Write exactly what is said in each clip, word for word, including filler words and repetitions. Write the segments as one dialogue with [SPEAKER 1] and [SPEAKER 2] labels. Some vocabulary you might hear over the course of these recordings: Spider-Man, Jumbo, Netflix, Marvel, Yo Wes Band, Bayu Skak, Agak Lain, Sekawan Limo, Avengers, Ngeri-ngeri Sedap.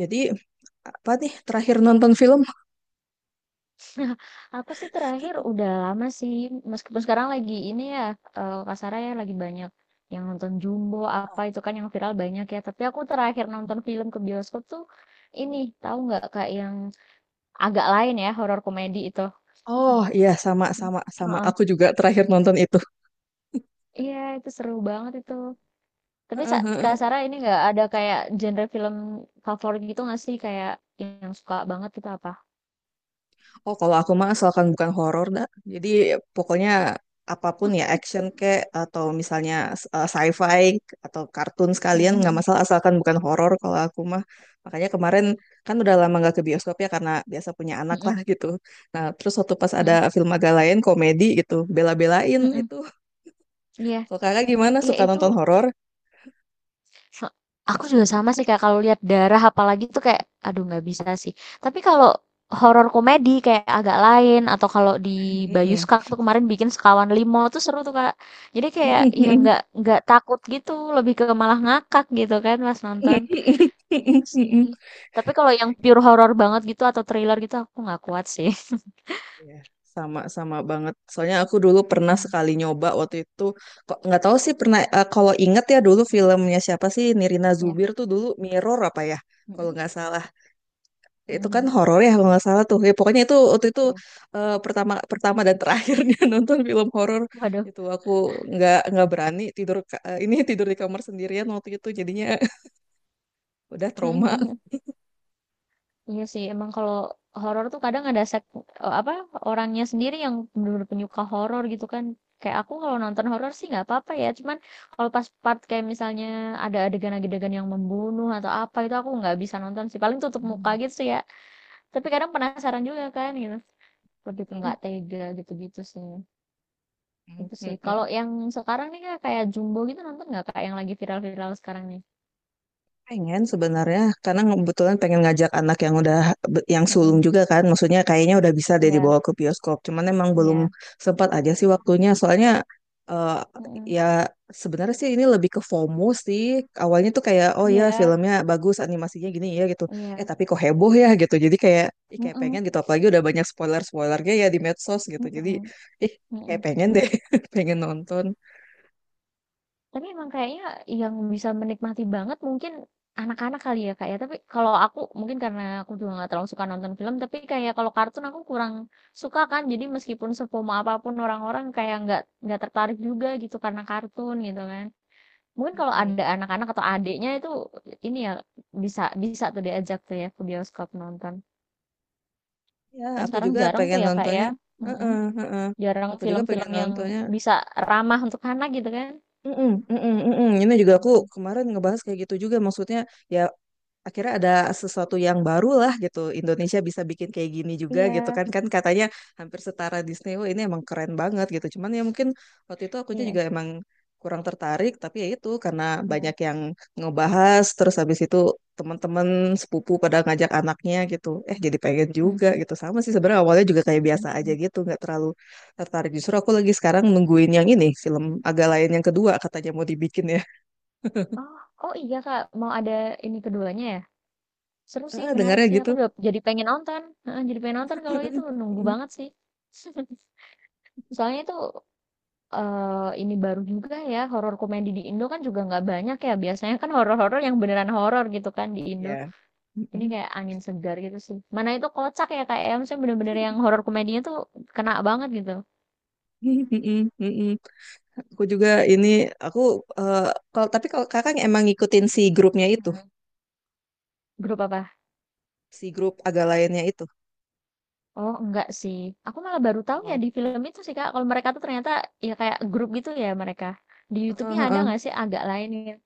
[SPEAKER 1] Jadi apa nih terakhir nonton film?
[SPEAKER 2] Nah, aku sih terakhir udah lama sih, meskipun sekarang lagi ini ya, eee, Kak Sarah ya, lagi banyak yang nonton Jumbo, apa itu kan yang viral banyak ya. Tapi aku terakhir nonton film ke bioskop tuh ini, tahu nggak Kak, yang agak lain ya, horor komedi itu.
[SPEAKER 1] Oh iya sama sama sama
[SPEAKER 2] Heeh.
[SPEAKER 1] aku juga terakhir nonton itu.
[SPEAKER 2] Iya, itu seru banget itu. Tapi sa
[SPEAKER 1] Heeh,
[SPEAKER 2] Kak
[SPEAKER 1] heeh.
[SPEAKER 2] Sarah ini nggak ada kayak genre film favorit gitu nggak sih, kayak yang suka banget itu apa?
[SPEAKER 1] Oh kalau aku mah asalkan bukan horor dah. Jadi pokoknya apapun ya action kek atau misalnya eh, sci-fi atau kartun
[SPEAKER 2] Mhm
[SPEAKER 1] sekalian nggak
[SPEAKER 2] mhm.
[SPEAKER 1] masalah asalkan bukan horor kalau aku mah. Makanya kemarin kan udah lama nggak ke bioskop ya karena biasa punya anak lah
[SPEAKER 2] Mhm
[SPEAKER 1] gitu. Nah terus waktu pas ada
[SPEAKER 2] mhm
[SPEAKER 1] film agak lain komedi gitu bela-belain
[SPEAKER 2] mhm.
[SPEAKER 1] itu.
[SPEAKER 2] Iya.
[SPEAKER 1] Kalau kakak gimana
[SPEAKER 2] Iya,
[SPEAKER 1] suka
[SPEAKER 2] itu
[SPEAKER 1] nonton horor?
[SPEAKER 2] Se aku juga sama sih kayak kalau lihat darah apalagi tuh kayak, aduh nggak bisa sih. Tapi kalau horor komedi kayak Agak Lain atau kalau di
[SPEAKER 1] Mm-mm.
[SPEAKER 2] Bayuskak tuh kemarin bikin Sekawan Limo tuh seru tuh Kak. Jadi kayak
[SPEAKER 1] Mm-mm,
[SPEAKER 2] ya
[SPEAKER 1] mm-mm.
[SPEAKER 2] nggak nggak takut gitu, lebih ke malah ngakak gitu kan pas nonton. Itu sih. Tapi kalau yang pure horor banget gitu atau thriller gitu aku nggak kuat sih.
[SPEAKER 1] Iya, sama sama banget. Soalnya aku dulu pernah
[SPEAKER 2] Mhm.
[SPEAKER 1] sekali nyoba waktu itu kok nggak tahu sih pernah eh, kalau inget ya dulu filmnya siapa sih Nirina
[SPEAKER 2] Ya.
[SPEAKER 1] Zubir tuh dulu Mirror apa ya kalau
[SPEAKER 2] Mhm.
[SPEAKER 1] nggak salah. Ya, itu kan
[SPEAKER 2] Mhm.
[SPEAKER 1] horor ya kalau nggak salah tuh. Ya, pokoknya itu waktu itu
[SPEAKER 2] Ya.
[SPEAKER 1] eh, pertama pertama dan terakhirnya nonton film horor
[SPEAKER 2] Waduh.
[SPEAKER 1] itu aku nggak nggak berani tidur ka- eh, ini tidur di kamar sendirian waktu itu jadinya udah trauma.
[SPEAKER 2] Iya sih, emang kalau horor tuh kadang ada sek eee, apa, orangnya sendiri yang benar bener penyuka horor gitu kan. Kayak aku kalau nonton horor sih nggak apa-apa ya, cuman kalau pas part kayak misalnya ada adegan-adegan yang membunuh atau apa, itu aku nggak bisa nonton sih, paling tutup muka gitu sih ya. Tapi kadang penasaran juga kan gitu, lebih ke nggak tega gitu-gitu sih, itu sih. Kalau yang sekarang nih Kak, kayak Jumbo gitu nonton nggak kayak yang lagi viral-viral sekarang nih?
[SPEAKER 1] Pengen sebenarnya karena kebetulan pengen ngajak anak yang udah yang sulung
[SPEAKER 2] Mhm,
[SPEAKER 1] juga kan. Maksudnya kayaknya udah bisa deh
[SPEAKER 2] iya
[SPEAKER 1] dibawa ke bioskop. Cuman emang belum
[SPEAKER 2] iya,
[SPEAKER 1] sempat aja sih waktunya. Soalnya eh,
[SPEAKER 2] mhm,
[SPEAKER 1] ya sebenarnya sih ini lebih ke FOMO sih. Awalnya tuh kayak oh ya
[SPEAKER 2] iya
[SPEAKER 1] filmnya bagus, animasinya gini ya gitu. Eh
[SPEAKER 2] iya,
[SPEAKER 1] tapi kok heboh ya gitu. Jadi kayak ih kayak pengen
[SPEAKER 2] mhm,
[SPEAKER 1] gitu apalagi udah banyak spoiler-spoilernya ya di medsos gitu. Jadi
[SPEAKER 2] mhm.
[SPEAKER 1] ih kayak
[SPEAKER 2] Mhm.
[SPEAKER 1] pengen deh, pengen nonton.
[SPEAKER 2] Tapi emang kayaknya yang bisa menikmati banget mungkin anak-anak kali ya, Kak, ya? Tapi kalau aku mungkin karena aku juga nggak terlalu suka nonton film, tapi kayak kalau kartun aku kurang suka kan. Jadi meskipun sepomo apapun orang-orang kayak nggak nggak tertarik juga gitu karena kartun gitu kan. Mungkin kalau ada anak-anak atau adiknya itu ini ya bisa bisa tuh diajak tuh ya ke bioskop nonton.
[SPEAKER 1] Ya,
[SPEAKER 2] Kan
[SPEAKER 1] aku
[SPEAKER 2] sekarang
[SPEAKER 1] juga
[SPEAKER 2] jarang tuh
[SPEAKER 1] pengen
[SPEAKER 2] ya, Kak, ya?
[SPEAKER 1] nontonnya.
[SPEAKER 2] Mhm.
[SPEAKER 1] Heeh, heeh.
[SPEAKER 2] Jarang
[SPEAKER 1] Aku juga pengen
[SPEAKER 2] film-film yang
[SPEAKER 1] nontonnya.
[SPEAKER 2] bisa ramah untuk anak gitu kan?
[SPEAKER 1] Mm-mm, mm-mm, mm-mm. Ini juga aku
[SPEAKER 2] Mhm.
[SPEAKER 1] kemarin ngebahas kayak gitu juga. Maksudnya ya akhirnya ada sesuatu yang baru lah gitu. Indonesia bisa bikin kayak gini juga gitu
[SPEAKER 2] Iya,
[SPEAKER 1] kan. Kan katanya hampir setara Disney. Wah, ini emang keren banget gitu. Cuman ya mungkin waktu itu akunya
[SPEAKER 2] iya,
[SPEAKER 1] juga emang kurang tertarik. Tapi ya itu karena
[SPEAKER 2] iya.
[SPEAKER 1] banyak yang ngebahas. Terus habis itu teman-teman sepupu pada ngajak anaknya gitu. Eh jadi pengen juga
[SPEAKER 2] Mhm,
[SPEAKER 1] gitu. Sama sih sebenarnya awalnya juga kayak biasa aja
[SPEAKER 2] mhm.
[SPEAKER 1] gitu. Nggak terlalu tertarik. Justru aku lagi sekarang nungguin yang ini. Film agak lain yang kedua katanya mau dibikin ya.
[SPEAKER 2] Oh oh iya, Kak, mau ada ini keduanya ya? Seru sih,
[SPEAKER 1] Ah
[SPEAKER 2] menarik
[SPEAKER 1] dengarnya
[SPEAKER 2] sih,
[SPEAKER 1] gitu.
[SPEAKER 2] aku udah jadi pengen nonton, heeh, jadi pengen nonton kalau itu, nunggu banget sih. Soalnya itu, eee, ini baru juga ya, horor komedi di Indo kan juga nggak banyak ya, biasanya kan horor-horor yang beneran horor gitu kan di Indo.
[SPEAKER 1] Iya.
[SPEAKER 2] Ini
[SPEAKER 1] Mm-mm.
[SPEAKER 2] kayak angin segar gitu sih. Mana itu kocak ya, Kak, ya, maksudnya bener-bener yang horor komedinya tuh kena banget gitu.
[SPEAKER 1] Mm-mm, mm-mm. Aku juga ini aku eh, kalau tapi kalau kakak emang ngikutin si grupnya itu,
[SPEAKER 2] Mhm, grup apa?
[SPEAKER 1] si grup agak lainnya itu.
[SPEAKER 2] Oh, enggak sih. Aku malah baru tahu ya
[SPEAKER 1] Oh.
[SPEAKER 2] di film itu sih, Kak. Kalau mereka tuh ternyata ya kayak grup gitu ya mereka. Di
[SPEAKER 1] Heeh,
[SPEAKER 2] YouTube-nya ada
[SPEAKER 1] heeh.
[SPEAKER 2] nggak sih agak lain ya?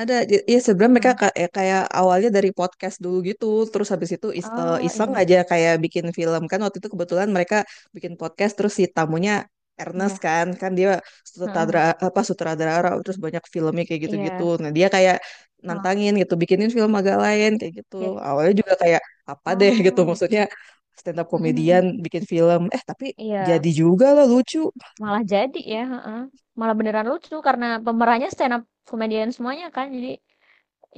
[SPEAKER 1] Ada, j- ya sebenarnya mereka
[SPEAKER 2] Heeh.
[SPEAKER 1] ka- eh, kayak awalnya dari podcast dulu gitu, terus habis itu is, eh,
[SPEAKER 2] Oh,
[SPEAKER 1] iseng
[SPEAKER 2] iya.
[SPEAKER 1] aja kayak bikin film kan waktu itu kebetulan mereka bikin podcast terus si tamunya Ernest
[SPEAKER 2] Iya.
[SPEAKER 1] kan, kan dia sutradara
[SPEAKER 2] Heeh.
[SPEAKER 1] apa sutradara terus banyak filmnya kayak gitu-gitu.
[SPEAKER 2] Iya.
[SPEAKER 1] Nah dia kayak
[SPEAKER 2] Heeh.
[SPEAKER 1] nantangin gitu, bikinin film agak lain kayak gitu.
[SPEAKER 2] Oke.
[SPEAKER 1] Awalnya juga kayak apa deh gitu,
[SPEAKER 2] Oh, iya.
[SPEAKER 1] maksudnya stand up
[SPEAKER 2] Mhm,
[SPEAKER 1] komedian
[SPEAKER 2] mhm.
[SPEAKER 1] bikin film, eh tapi
[SPEAKER 2] Iya.
[SPEAKER 1] jadi juga lah lucu.
[SPEAKER 2] Malah jadi ya, heeh. Malah beneran lucu karena pemerannya stand up comedian semuanya kan. Jadi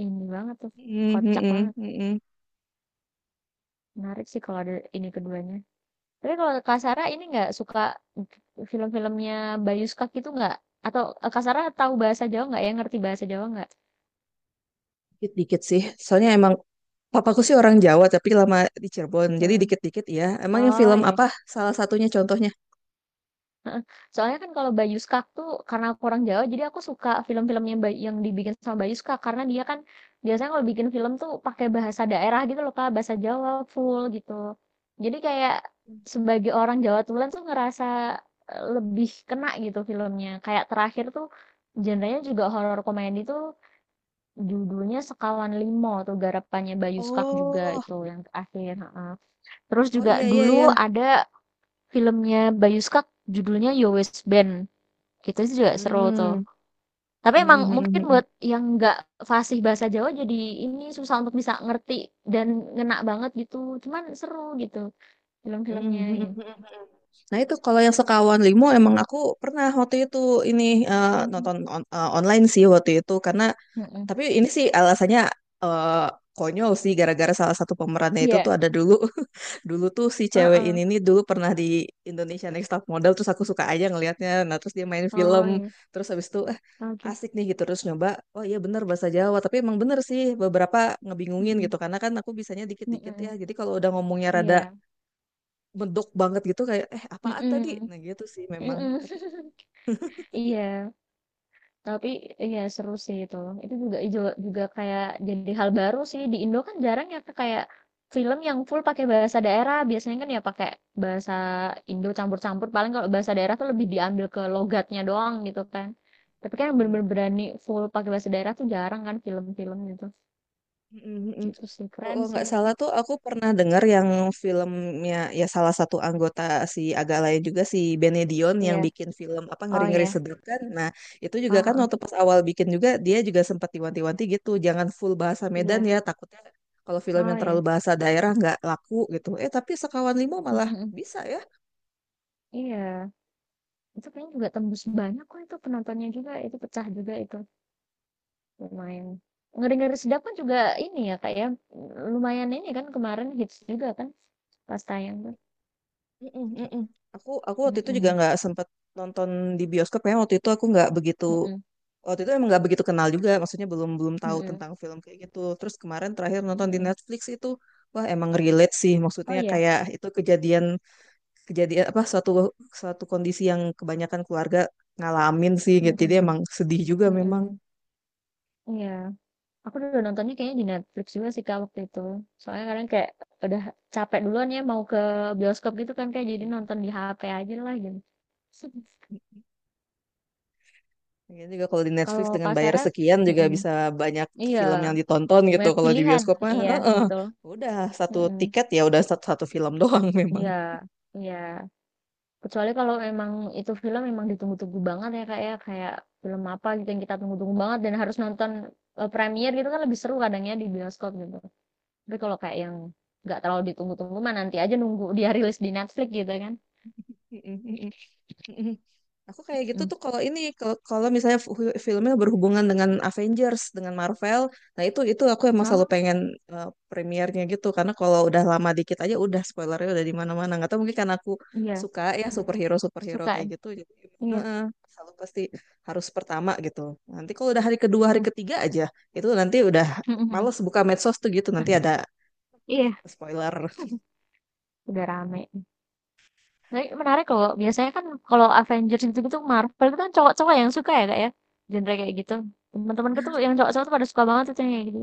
[SPEAKER 2] ini banget tuh.
[SPEAKER 1] Mm, mm,
[SPEAKER 2] Kocak
[SPEAKER 1] mm,
[SPEAKER 2] banget.
[SPEAKER 1] mm, mm.
[SPEAKER 2] Menarik sih kalau ada ini keduanya. Tapi kalau Kak Sarah ini nggak suka film-filmnya Bayu Skak gitu nggak? Atau eh, Kak Sarah tahu bahasa Jawa nggak ya? Ngerti bahasa Jawa nggak?
[SPEAKER 1] Dikit-dikit sih, soalnya emang Papaku sih orang Jawa tapi lama di Cirebon. Jadi
[SPEAKER 2] Hmm.
[SPEAKER 1] dikit-dikit ya. Emang yang
[SPEAKER 2] Oh
[SPEAKER 1] film
[SPEAKER 2] ya.
[SPEAKER 1] apa salah satunya contohnya?
[SPEAKER 2] Heeh. Soalnya kan kalau Bayu Skak tuh karena aku orang Jawa, jadi aku suka film-filmnya Bay- yang dibikin sama Bayu Skak karena dia kan biasanya kalau bikin film tuh pakai bahasa daerah gitu loh Kak, bahasa Jawa full gitu. Jadi kayak sebagai orang Jawa Tulen tuh ngerasa eh, lebih kena gitu filmnya. Kayak terakhir tuh genrenya juga horor komedi tuh Judulnya Sekawan Limo tuh garapannya Bayu Skak juga
[SPEAKER 1] Oh,
[SPEAKER 2] itu yang terakhir, heeh. Terus
[SPEAKER 1] oh
[SPEAKER 2] juga
[SPEAKER 1] iya iya
[SPEAKER 2] dulu
[SPEAKER 1] iya.
[SPEAKER 2] ada filmnya Bayu Skak judulnya Yo Wes Band, gitu sih juga seru tuh.
[SPEAKER 1] Hmm.
[SPEAKER 2] Tapi emang mungkin buat yang nggak fasih bahasa Jawa jadi ini susah untuk bisa ngerti dan ngena banget gitu, cuman seru gitu
[SPEAKER 1] Mhm,
[SPEAKER 2] film-filmnya
[SPEAKER 1] mhm,
[SPEAKER 2] gitu.
[SPEAKER 1] mhm, mhm. Nah itu kalau yang sekawan limo emang aku pernah waktu itu ini eh,
[SPEAKER 2] Mmm,
[SPEAKER 1] nonton on- eh, online sih waktu itu karena
[SPEAKER 2] mhm.
[SPEAKER 1] tapi ini sih alasannya eh, konyol sih gara-gara salah satu pemerannya itu tuh
[SPEAKER 2] Iya,
[SPEAKER 1] ada dulu dulu tuh si cewek
[SPEAKER 2] heeh.
[SPEAKER 1] ini nih dulu pernah di Indonesia Next Top Model terus aku suka aja ngelihatnya nah terus dia main film
[SPEAKER 2] Oh ya,
[SPEAKER 1] terus habis itu eh
[SPEAKER 2] oke.
[SPEAKER 1] asik nih gitu terus nyoba oh iya bener bahasa Jawa tapi emang bener sih beberapa ngebingungin gitu
[SPEAKER 2] Mhm,
[SPEAKER 1] karena kan aku bisanya dikit-dikit
[SPEAKER 2] mhm,
[SPEAKER 1] ya jadi kalau udah ngomongnya rada
[SPEAKER 2] iya,
[SPEAKER 1] medok banget gitu kayak eh apaan tadi
[SPEAKER 2] mhm,
[SPEAKER 1] nah gitu sih memang
[SPEAKER 2] mhm.
[SPEAKER 1] tapi
[SPEAKER 2] Iya. Tapi iya seru sih itu. Itu juga ijo juga kayak jadi hal baru sih di Indo kan jarang ya Kak, kayak film yang full pakai bahasa daerah. Biasanya kan ya pakai bahasa Indo campur-campur. Paling kalau bahasa daerah tuh lebih diambil ke logatnya doang gitu kan. Tapi kan yang
[SPEAKER 1] mm,
[SPEAKER 2] bener-bener berani full pakai bahasa daerah tuh jarang kan film-film gitu.
[SPEAKER 1] mm, mm, mm.
[SPEAKER 2] Gitu sih keren
[SPEAKER 1] Kalau
[SPEAKER 2] sih
[SPEAKER 1] nggak
[SPEAKER 2] itu.
[SPEAKER 1] salah tuh aku pernah dengar yang filmnya ya salah satu anggota si agak lain juga si Benedion yang
[SPEAKER 2] Iya.
[SPEAKER 1] bikin film apa
[SPEAKER 2] Oh
[SPEAKER 1] ngeri-ngeri
[SPEAKER 2] iya.
[SPEAKER 1] sedap kan nah itu
[SPEAKER 2] Oh,
[SPEAKER 1] juga kan
[SPEAKER 2] oh oh.
[SPEAKER 1] waktu pas awal bikin juga dia juga sempat diwanti-wanti gitu jangan full bahasa Medan
[SPEAKER 2] Iya.
[SPEAKER 1] ya takutnya kalau film
[SPEAKER 2] Oh
[SPEAKER 1] yang terlalu
[SPEAKER 2] iya.
[SPEAKER 1] bahasa daerah nggak laku gitu eh tapi Sekawan Lima
[SPEAKER 2] Mm,
[SPEAKER 1] malah
[SPEAKER 2] mm, mm.
[SPEAKER 1] bisa ya.
[SPEAKER 2] Iya. Itu kayaknya juga tembus banyak kok itu penontonnya juga. Itu pecah juga itu. Lumayan. Ngeri-ngeri Sedap kan juga ini ya, Kak, ya, lumayan ini kan kemarin hits juga kan pas tayang tuh.
[SPEAKER 1] Mm-mm, mm-mm. Aku aku waktu itu juga
[SPEAKER 2] Mhm,
[SPEAKER 1] nggak sempet nonton di bioskop ya waktu itu aku nggak begitu
[SPEAKER 2] mhm,
[SPEAKER 1] waktu itu emang nggak begitu kenal juga maksudnya belum belum tahu
[SPEAKER 2] mhm,
[SPEAKER 1] tentang film kayak gitu terus kemarin terakhir nonton di
[SPEAKER 2] mhm.
[SPEAKER 1] Netflix itu wah emang relate sih
[SPEAKER 2] Oh
[SPEAKER 1] maksudnya
[SPEAKER 2] ya?
[SPEAKER 1] kayak itu kejadian kejadian apa suatu suatu kondisi yang kebanyakan keluarga ngalamin sih gitu jadi
[SPEAKER 2] Mhm,
[SPEAKER 1] emang sedih juga memang.
[SPEAKER 2] mhm, iya. Aku udah nontonnya kayaknya di Netflix juga sih, Kak, waktu itu. Soalnya kadang kayak udah capek duluan ya mau ke bioskop gitu kan, kayak jadi nonton di ha pe aja lah gitu.
[SPEAKER 1] Ya juga kalau di Netflix
[SPEAKER 2] Kalau
[SPEAKER 1] dengan
[SPEAKER 2] Kak
[SPEAKER 1] bayar
[SPEAKER 2] Sarah
[SPEAKER 1] sekian juga
[SPEAKER 2] mhm,
[SPEAKER 1] bisa banyak
[SPEAKER 2] iya,
[SPEAKER 1] film yang ditonton gitu.
[SPEAKER 2] banyak
[SPEAKER 1] Kalau di
[SPEAKER 2] pilihan,
[SPEAKER 1] bioskop mah,
[SPEAKER 2] iya
[SPEAKER 1] heeh.
[SPEAKER 2] betul,
[SPEAKER 1] Udah satu
[SPEAKER 2] mhm,
[SPEAKER 1] tiket ya udah satu, satu film doang memang.
[SPEAKER 2] iya, iya. Kecuali kalau memang itu film memang ditunggu-tunggu banget ya, Kak, ya, kayak film apa gitu yang kita tunggu-tunggu banget dan harus nonton, eee, premiere gitu kan lebih seru kadangnya di bioskop gitu. Tapi kalau kayak yang nggak terlalu ditunggu-tunggu mah nanti aja nunggu dia rilis di Netflix gitu kan.
[SPEAKER 1] Mm-mm. Aku kayak gitu
[SPEAKER 2] Mhm.
[SPEAKER 1] tuh kalau ini kalau kalau misalnya fu- filmnya berhubungan dengan Avengers, dengan Marvel, nah itu itu aku emang selalu
[SPEAKER 2] Oh,
[SPEAKER 1] pengen eh, premiernya gitu karena kalau udah lama dikit aja udah spoilernya udah di mana-mana. Nggak tahu mungkin karena aku
[SPEAKER 2] iya,
[SPEAKER 1] suka ya superhero superhero
[SPEAKER 2] suka
[SPEAKER 1] kayak
[SPEAKER 2] ya?
[SPEAKER 1] gitu, jadi
[SPEAKER 2] Iya,
[SPEAKER 1] eh, selalu pasti harus pertama gitu. Nanti kalau udah hari kedua hari
[SPEAKER 2] mmm,
[SPEAKER 1] ketiga aja itu nanti udah males buka medsos tuh gitu nanti ada
[SPEAKER 2] Iya,
[SPEAKER 1] spoiler.
[SPEAKER 2] udah rame. Tapi menarik loh, biasanya kan kalau Avengers gitu-gitu, Marvel itu kan cowok-cowok yang suka ya, Kak, ya, genre kayak gitu. teman-teman temenku tuh yang cowok-cowok tuh pada suka banget tuh yang kayak gitu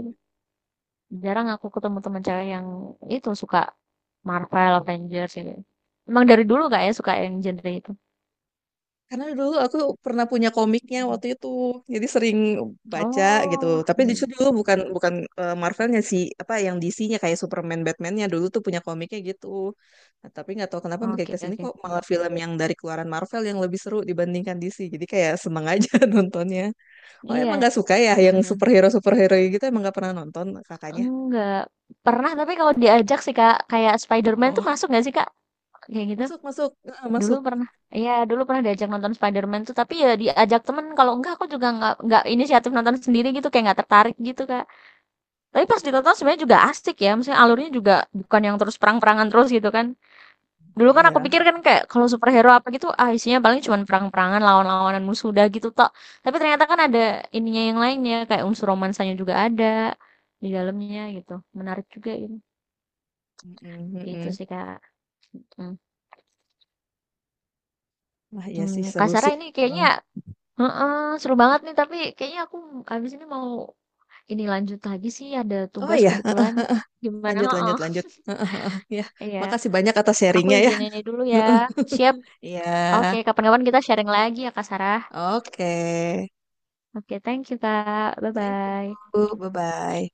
[SPEAKER 2] Jarang aku ketemu teman cewek yang itu suka Marvel, Avengers gitu. Emang dari dulu kak ya suka yang genre itu?
[SPEAKER 1] Karena dulu aku pernah punya komiknya
[SPEAKER 2] Mhm.
[SPEAKER 1] waktu itu, jadi sering baca gitu.
[SPEAKER 2] Oh,
[SPEAKER 1] Tapi
[SPEAKER 2] iya.
[SPEAKER 1] justru dulu bukan bukan eh, Marvelnya sih, apa yang D C-nya kayak Superman, Batman-nya dulu tuh punya komiknya gitu. Nah, tapi nggak tahu kenapa makin
[SPEAKER 2] Oke
[SPEAKER 1] ke sini
[SPEAKER 2] oke.
[SPEAKER 1] kok malah film yang dari keluaran Marvel yang lebih seru dibandingkan D C. Jadi kayak seneng aja nontonnya. Oh emang
[SPEAKER 2] Iya.
[SPEAKER 1] nggak suka ya yang
[SPEAKER 2] Mhm.
[SPEAKER 1] superhero superhero gitu emang nggak pernah nonton kakaknya?
[SPEAKER 2] Enggak pernah tapi kalau diajak sih kak kayak Spider-Man tuh
[SPEAKER 1] Oh
[SPEAKER 2] masuk nggak sih kak kayak gitu?
[SPEAKER 1] masuk masuk eh,
[SPEAKER 2] Dulu
[SPEAKER 1] masuk.
[SPEAKER 2] pernah. Iya dulu pernah diajak nonton Spider-Man tuh tapi ya diajak temen kalau enggak aku juga nggak nggak inisiatif nonton sendiri gitu kayak nggak tertarik gitu kak. Tapi pas ditonton sebenarnya juga asik ya, maksudnya alurnya juga bukan yang terus perang-perangan terus gitu kan. Dulu kan aku
[SPEAKER 1] Iya.
[SPEAKER 2] pikir kan kayak kalau superhero apa gitu, ah isinya paling cuma perang-perangan, lawan-lawanan musuh udah gitu tok. Tapi ternyata kan ada ininya yang lainnya, kayak unsur romansanya juga ada di dalamnya gitu. Menarik juga gitu.
[SPEAKER 1] Mm-mm,
[SPEAKER 2] Gitu
[SPEAKER 1] mm-mm.
[SPEAKER 2] sih Kak. Hmm.
[SPEAKER 1] Wah iya sih
[SPEAKER 2] Hmm, Kak
[SPEAKER 1] seru
[SPEAKER 2] Sarah
[SPEAKER 1] sih
[SPEAKER 2] ini
[SPEAKER 1] emang.
[SPEAKER 2] kayaknya heeh, seru banget nih, tapi kayaknya aku habis ini mau ini lanjut lagi sih ada
[SPEAKER 1] Oh
[SPEAKER 2] tugas
[SPEAKER 1] iya.
[SPEAKER 2] kebetulan. Gimana?
[SPEAKER 1] Lanjut,
[SPEAKER 2] Heeh.
[SPEAKER 1] lanjut, lanjut. Ya,
[SPEAKER 2] Iya.
[SPEAKER 1] makasih banyak atas
[SPEAKER 2] Aku
[SPEAKER 1] sharingnya ya.
[SPEAKER 2] izin ini dulu ya. Siap. Oke,
[SPEAKER 1] Ya,
[SPEAKER 2] kapan-kapan kita sharing lagi ya Kak Sarah.
[SPEAKER 1] oke.
[SPEAKER 2] Oke, thank you Kak.
[SPEAKER 1] Thank you.
[SPEAKER 2] Bye-bye.
[SPEAKER 1] Bye-bye.